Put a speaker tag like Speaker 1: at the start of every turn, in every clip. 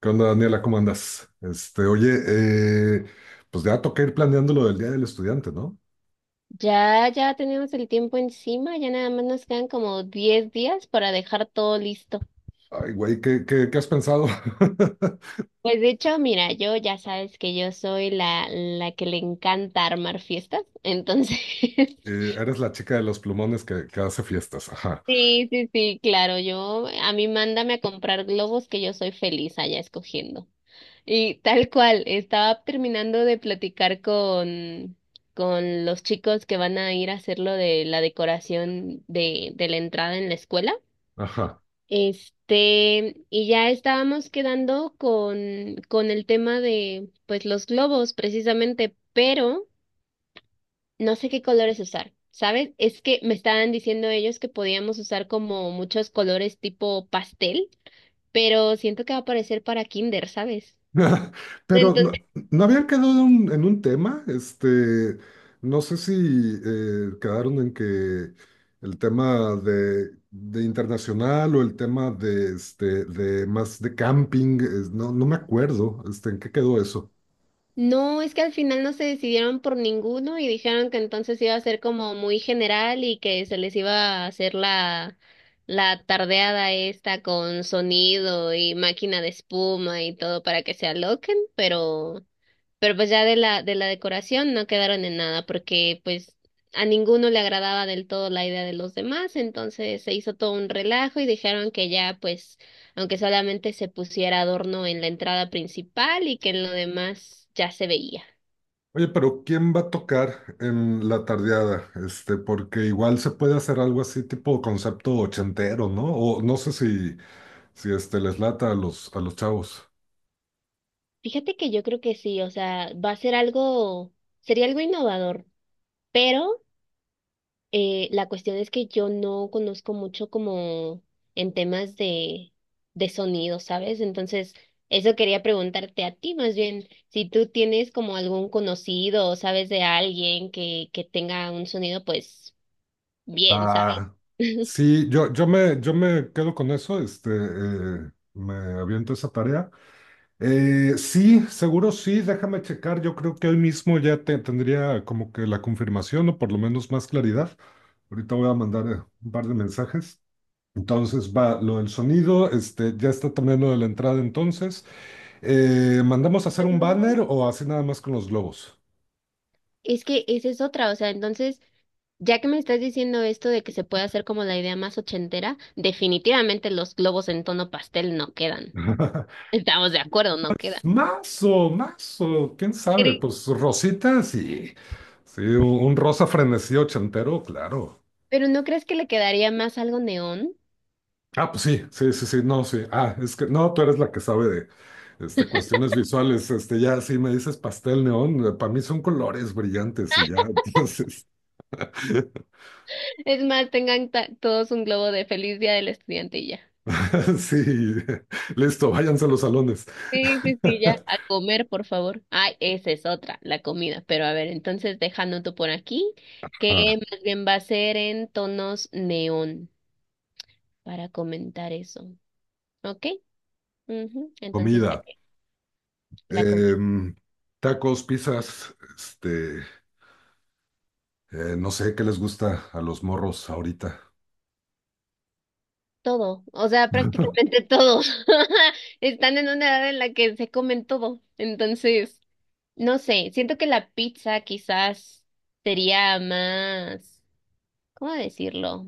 Speaker 1: ¿Qué onda, Daniela? ¿Cómo andas? Oye, eh, pues ya toca ir planeando lo del Día del Estudiante, ¿no?
Speaker 2: Ya, ya tenemos el tiempo encima, ya nada más nos quedan como 10 días para dejar todo listo.
Speaker 1: Ay, güey, ¿Qué has pensado?
Speaker 2: Pues de hecho, mira, yo ya sabes que yo soy la que le encanta armar fiestas, entonces,
Speaker 1: Eres la chica de los plumones que hace fiestas. Ajá,
Speaker 2: sí, sí, sí, claro, a mí mándame a comprar globos que yo soy feliz allá escogiendo. Y tal cual, estaba terminando de platicar con los chicos que van a ir a hacer lo de la decoración de la entrada en la escuela.
Speaker 1: ajá.
Speaker 2: Este, y ya estábamos quedando con el tema de, pues, los globos, precisamente, pero no sé qué colores usar, ¿sabes? Es que me estaban diciendo ellos que podíamos usar como muchos colores tipo pastel, pero siento que va a parecer para kinder, ¿sabes?
Speaker 1: Pero no habían quedado en un tema, no sé si quedaron en que el tema de internacional o el tema de, de más de camping, no me acuerdo, ¿en qué quedó eso?
Speaker 2: No, es que al final no se decidieron por ninguno y dijeron que entonces iba a ser como muy general y que se les iba a hacer la tardeada esta con sonido y máquina de espuma y todo para que se aloquen, pero pues ya de la decoración no quedaron en nada, porque pues a ninguno le agradaba del todo la idea de los demás, entonces se hizo todo un relajo y dijeron que ya pues, aunque solamente se pusiera adorno en la entrada principal y que en lo demás ya se veía.
Speaker 1: Oye, pero ¿quién va a tocar en la tardeada? Porque igual se puede hacer algo así tipo concepto ochentero, ¿no? O no sé si les lata a los chavos.
Speaker 2: Fíjate que yo creo que sí, o sea, va a ser algo, sería algo innovador, pero la cuestión es que yo no conozco mucho como en temas de sonido, ¿sabes? Entonces, eso quería preguntarte a ti más bien, si tú tienes como algún conocido o sabes de alguien que tenga un sonido, pues bien, ¿sabes?
Speaker 1: Va. Sí, yo me quedo con eso, me aviento esa tarea. Sí, seguro sí, déjame checar. Yo creo que hoy mismo ya tendría como que la confirmación o por lo menos más claridad. Ahorita voy a mandar un par de mensajes. Entonces va lo del sonido, ya está también lo de la entrada entonces. ¿Mandamos a hacer un
Speaker 2: Bueno,
Speaker 1: banner o así nada más con los globos?
Speaker 2: es que esa es otra, o sea, entonces, ya que me estás diciendo esto de que se puede hacer como la idea más ochentera, definitivamente los globos en tono pastel no quedan. Estamos de acuerdo, no quedan.
Speaker 1: Mazo, mazo, quién sabe, pues rositas y sí, un rosa frenesí ochentero, claro.
Speaker 2: Pero ¿no crees que le quedaría más algo neón?
Speaker 1: Ah, pues sí, sí, sí, sí, no, sí. Ah, es que no, tú eres la que sabe de cuestiones visuales. Ya, sí, me dices pastel neón, para mí son colores brillantes y ya, entonces.
Speaker 2: Es más, tengan todos un globo de feliz día del estudiante y ya.
Speaker 1: Sí, listo, váyanse a los salones.
Speaker 2: Sí, sí, sí, ya. A comer, por favor. Ay, esa es otra, la comida. Pero a ver, entonces dejándote por aquí, que
Speaker 1: Ajá,
Speaker 2: más bien va a ser en tonos neón para comentar eso. ¿Ok? Ujú. Entonces, ya
Speaker 1: comida,
Speaker 2: que la comida,
Speaker 1: em, tacos, pizzas, no sé qué les gusta a los morros ahorita.
Speaker 2: todo, o sea, prácticamente todo. Están en una edad en la que se comen todo. Entonces. No sé, siento que la pizza quizás sería más, ¿cómo decirlo?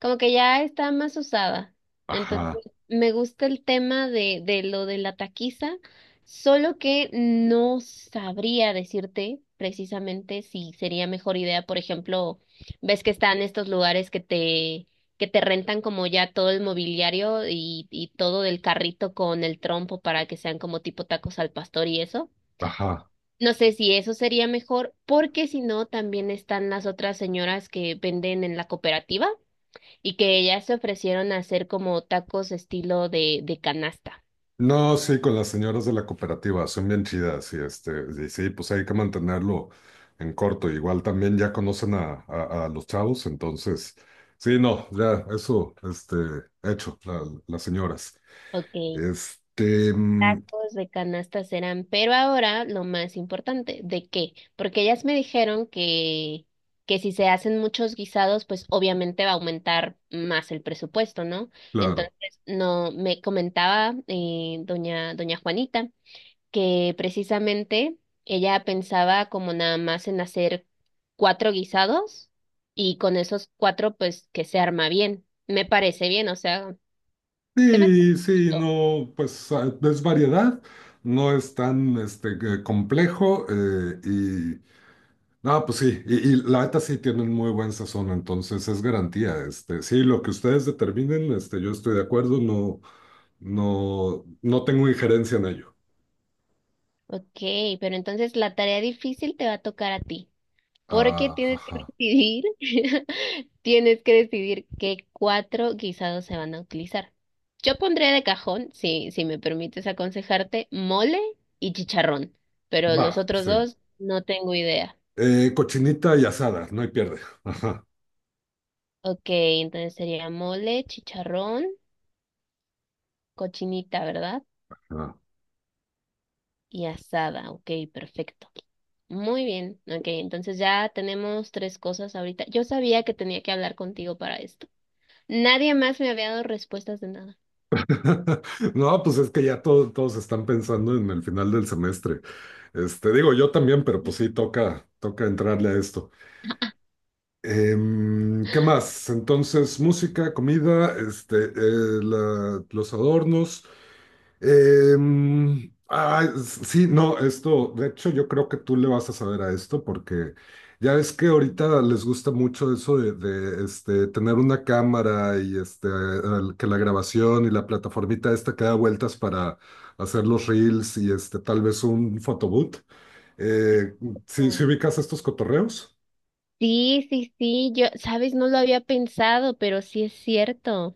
Speaker 2: Como que ya está más usada. Entonces,
Speaker 1: Ajá,
Speaker 2: me gusta el tema de lo de la taquiza, solo que no sabría decirte precisamente si sería mejor idea, por ejemplo, ves que están estos lugares que te rentan como ya todo el mobiliario y todo del carrito con el trompo para que sean como tipo tacos al pastor y eso.
Speaker 1: ajá.
Speaker 2: No sé si eso sería mejor, porque si no, también están las otras señoras que venden en la cooperativa y que ellas se ofrecieron a hacer como tacos estilo de canasta.
Speaker 1: No, sí, con las señoras de la cooperativa, son bien chidas y y sí, pues hay que mantenerlo en corto. Igual también ya conocen a los chavos, entonces, sí, no, ya, eso, hecho, las señoras.
Speaker 2: Ok,
Speaker 1: Mm,
Speaker 2: tacos de canasta serán, pero ahora lo más importante, ¿de qué? Porque ellas me dijeron que si se hacen muchos guisados, pues obviamente va a aumentar más el presupuesto, ¿no?
Speaker 1: claro.
Speaker 2: Entonces, no, me comentaba doña Juanita que precisamente ella pensaba como nada más en hacer 4 guisados y con esos cuatro pues que se arma bien. Me parece bien, o sea, se me
Speaker 1: Sí, sí,
Speaker 2: gustó.
Speaker 1: no, pues ah, es variedad, no es tan que complejo y, no, pues sí, y la neta sí tienen muy buen sazón, entonces es garantía, sí, lo que ustedes determinen, yo estoy de acuerdo, no, no, no tengo injerencia en ello.
Speaker 2: Ok, pero entonces la tarea difícil te va a tocar a ti, porque
Speaker 1: Ah,
Speaker 2: tienes que
Speaker 1: ajá,
Speaker 2: decidir, tienes que decidir qué 4 guisados se van a utilizar. Yo pondré de cajón, si me permites aconsejarte, mole y chicharrón, pero los
Speaker 1: va,
Speaker 2: otros
Speaker 1: sí.
Speaker 2: dos no tengo idea.
Speaker 1: Cochinita y asada, no hay pierde.
Speaker 2: Ok, entonces sería mole, chicharrón, cochinita, ¿verdad?
Speaker 1: Ajá.
Speaker 2: Y asada, ok, perfecto. Muy bien, ok, entonces ya tenemos 3 cosas ahorita. Yo sabía que tenía que hablar contigo para esto. Nadie más me había dado respuestas de nada.
Speaker 1: No, pues es que ya todos están pensando en el final del semestre. Digo, yo también, pero pues sí, toca entrarle a esto. ¿Qué más? Entonces, música, comida, los adornos. Ah, sí, no, esto, de hecho yo creo que tú le vas a saber a esto porque ya ves que ahorita les gusta mucho eso tener una cámara y que la grabación y la plataformita esta que da vueltas para hacer los reels y tal vez un photobooth. Eh, ¿sí
Speaker 2: Oh.
Speaker 1: ubicas estos cotorreos?
Speaker 2: Sí, sí, sí, yo, sabes, no lo había pensado, pero sí es cierto.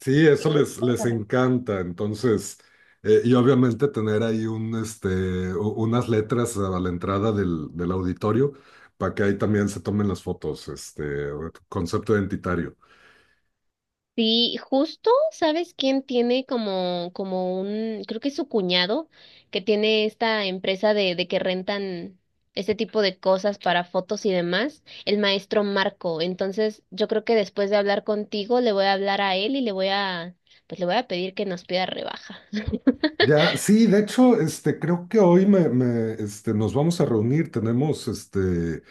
Speaker 1: Sí, eso
Speaker 2: Tienes
Speaker 1: les
Speaker 2: toda la.
Speaker 1: encanta. Entonces, y obviamente tener ahí unas letras a la entrada del auditorio para que ahí también se tomen las fotos, concepto identitario.
Speaker 2: Sí, justo, ¿sabes quién tiene como un, creo que es su cuñado, que tiene esta empresa de que rentan ese tipo de cosas para fotos y demás, el maestro Marco. Entonces, yo creo que después de hablar contigo, le voy a hablar a él y le voy a, pues le voy a pedir que nos pida rebaja.
Speaker 1: Ya, sí, de hecho, creo que hoy nos vamos a reunir, tenemos este,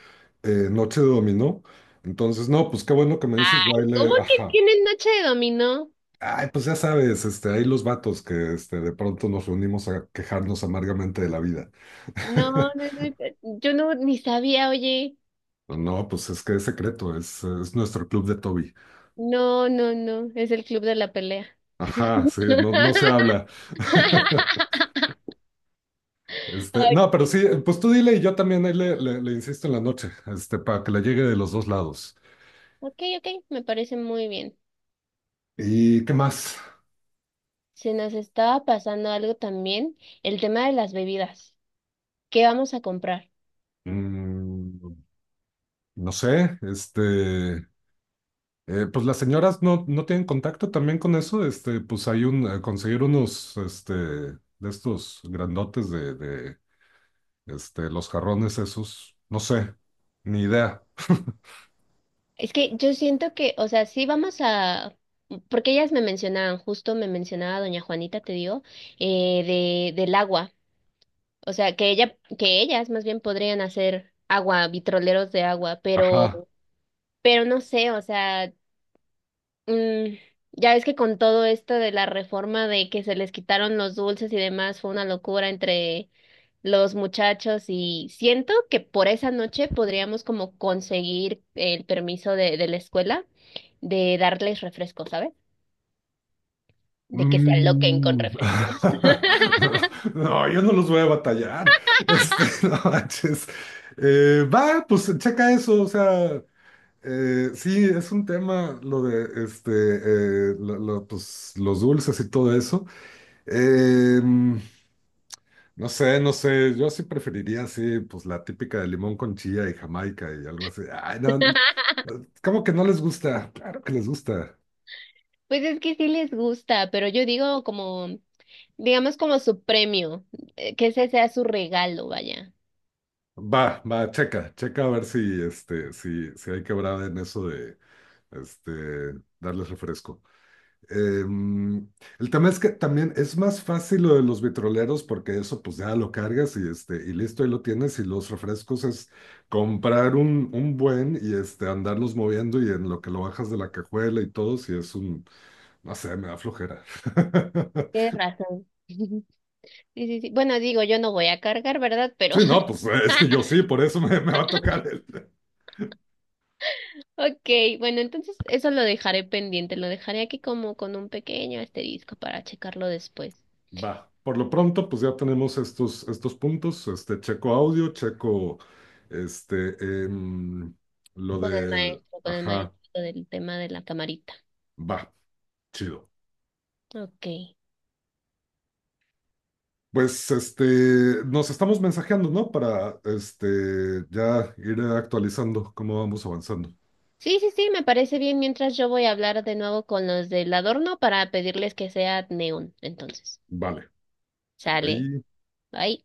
Speaker 1: eh, Noche de Dominó, entonces, no, pues qué bueno que me dices, yo ahí
Speaker 2: ¿Cómo
Speaker 1: le,
Speaker 2: que
Speaker 1: ajá.
Speaker 2: tienen noche de dominó?
Speaker 1: Ay, pues ya sabes, hay los vatos que de pronto nos reunimos a quejarnos amargamente de la vida.
Speaker 2: No, no, no, yo no ni sabía, oye.
Speaker 1: No, pues es que es secreto, es nuestro club de Toby.
Speaker 2: No, no, no, es el club de la pelea.
Speaker 1: Ajá, sí, no se habla. No, pero sí, pues tú dile y yo también ahí le insisto en la noche, para que le llegue de los dos lados.
Speaker 2: Ok, ok, me parece muy bien.
Speaker 1: ¿Y qué más?
Speaker 2: Se nos estaba pasando algo también, el tema de las bebidas. ¿Qué vamos a comprar?
Speaker 1: Mm, no sé. Pues las señoras no tienen contacto también con eso. Pues hay conseguir unos, de estos grandotes los jarrones esos. No sé, ni idea.
Speaker 2: Es que yo siento que, o sea, porque ellas me mencionaban, justo me mencionaba doña Juanita, te digo, eh, del agua. O sea, que ellas más bien podrían hacer agua, vitroleros de agua, pero,
Speaker 1: Ajá.
Speaker 2: pero no sé, o sea. Mm, ya ves que con todo esto de la reforma de que se les quitaron los dulces y demás, fue una locura entre los muchachos y siento que por esa noche podríamos como conseguir el permiso de la escuela de darles refresco, ¿sabes? De que se aloquen con
Speaker 1: Mm.
Speaker 2: refresco.
Speaker 1: No, yo no los voy a batallar. No manches. Va, pues checa eso. O sea, sí, es un tema lo de lo, pues, los dulces y todo eso. Em, no sé, yo sí preferiría, así, pues la típica de limón con chía y Jamaica y algo así. Ay, no, ¿cómo que no les gusta? Claro que les gusta.
Speaker 2: Pues es que sí les gusta, pero yo digo digamos como su premio, que ese sea su regalo, vaya.
Speaker 1: Va, va, checa, checa a ver si, si hay quebrada en eso de, este, darles refresco. Em, el tema es que también es más fácil lo de los vitroleros porque eso pues ya lo cargas y, y listo, ahí lo tienes y los refrescos es comprar un buen y andarlos moviendo y en lo que lo bajas de la cajuela y todo, si es un, no sé, me da flojera.
Speaker 2: Tienes razón. Sí, sí, sí. Bueno, digo, yo no voy a cargar, ¿verdad? Pero
Speaker 1: Sí, no, pues es que yo sí, por eso me va a tocar el...
Speaker 2: Ok, bueno, entonces eso lo dejaré pendiente, lo dejaré aquí como con un pequeño asterisco para checarlo después
Speaker 1: Va, por lo pronto pues ya tenemos estos puntos, checo audio, checo, este, em, lo de,
Speaker 2: con el
Speaker 1: ajá.
Speaker 2: maestro del tema de la camarita.
Speaker 1: Va, chido.
Speaker 2: Ok.
Speaker 1: Pues nos estamos mensajeando, ¿no? Para ya ir actualizando cómo vamos avanzando.
Speaker 2: Sí, sí, sí, me parece bien. Mientras yo voy a hablar de nuevo con los del adorno para pedirles que sea neón, entonces.
Speaker 1: Vale,
Speaker 2: Sale.
Speaker 1: ahí
Speaker 2: Bye.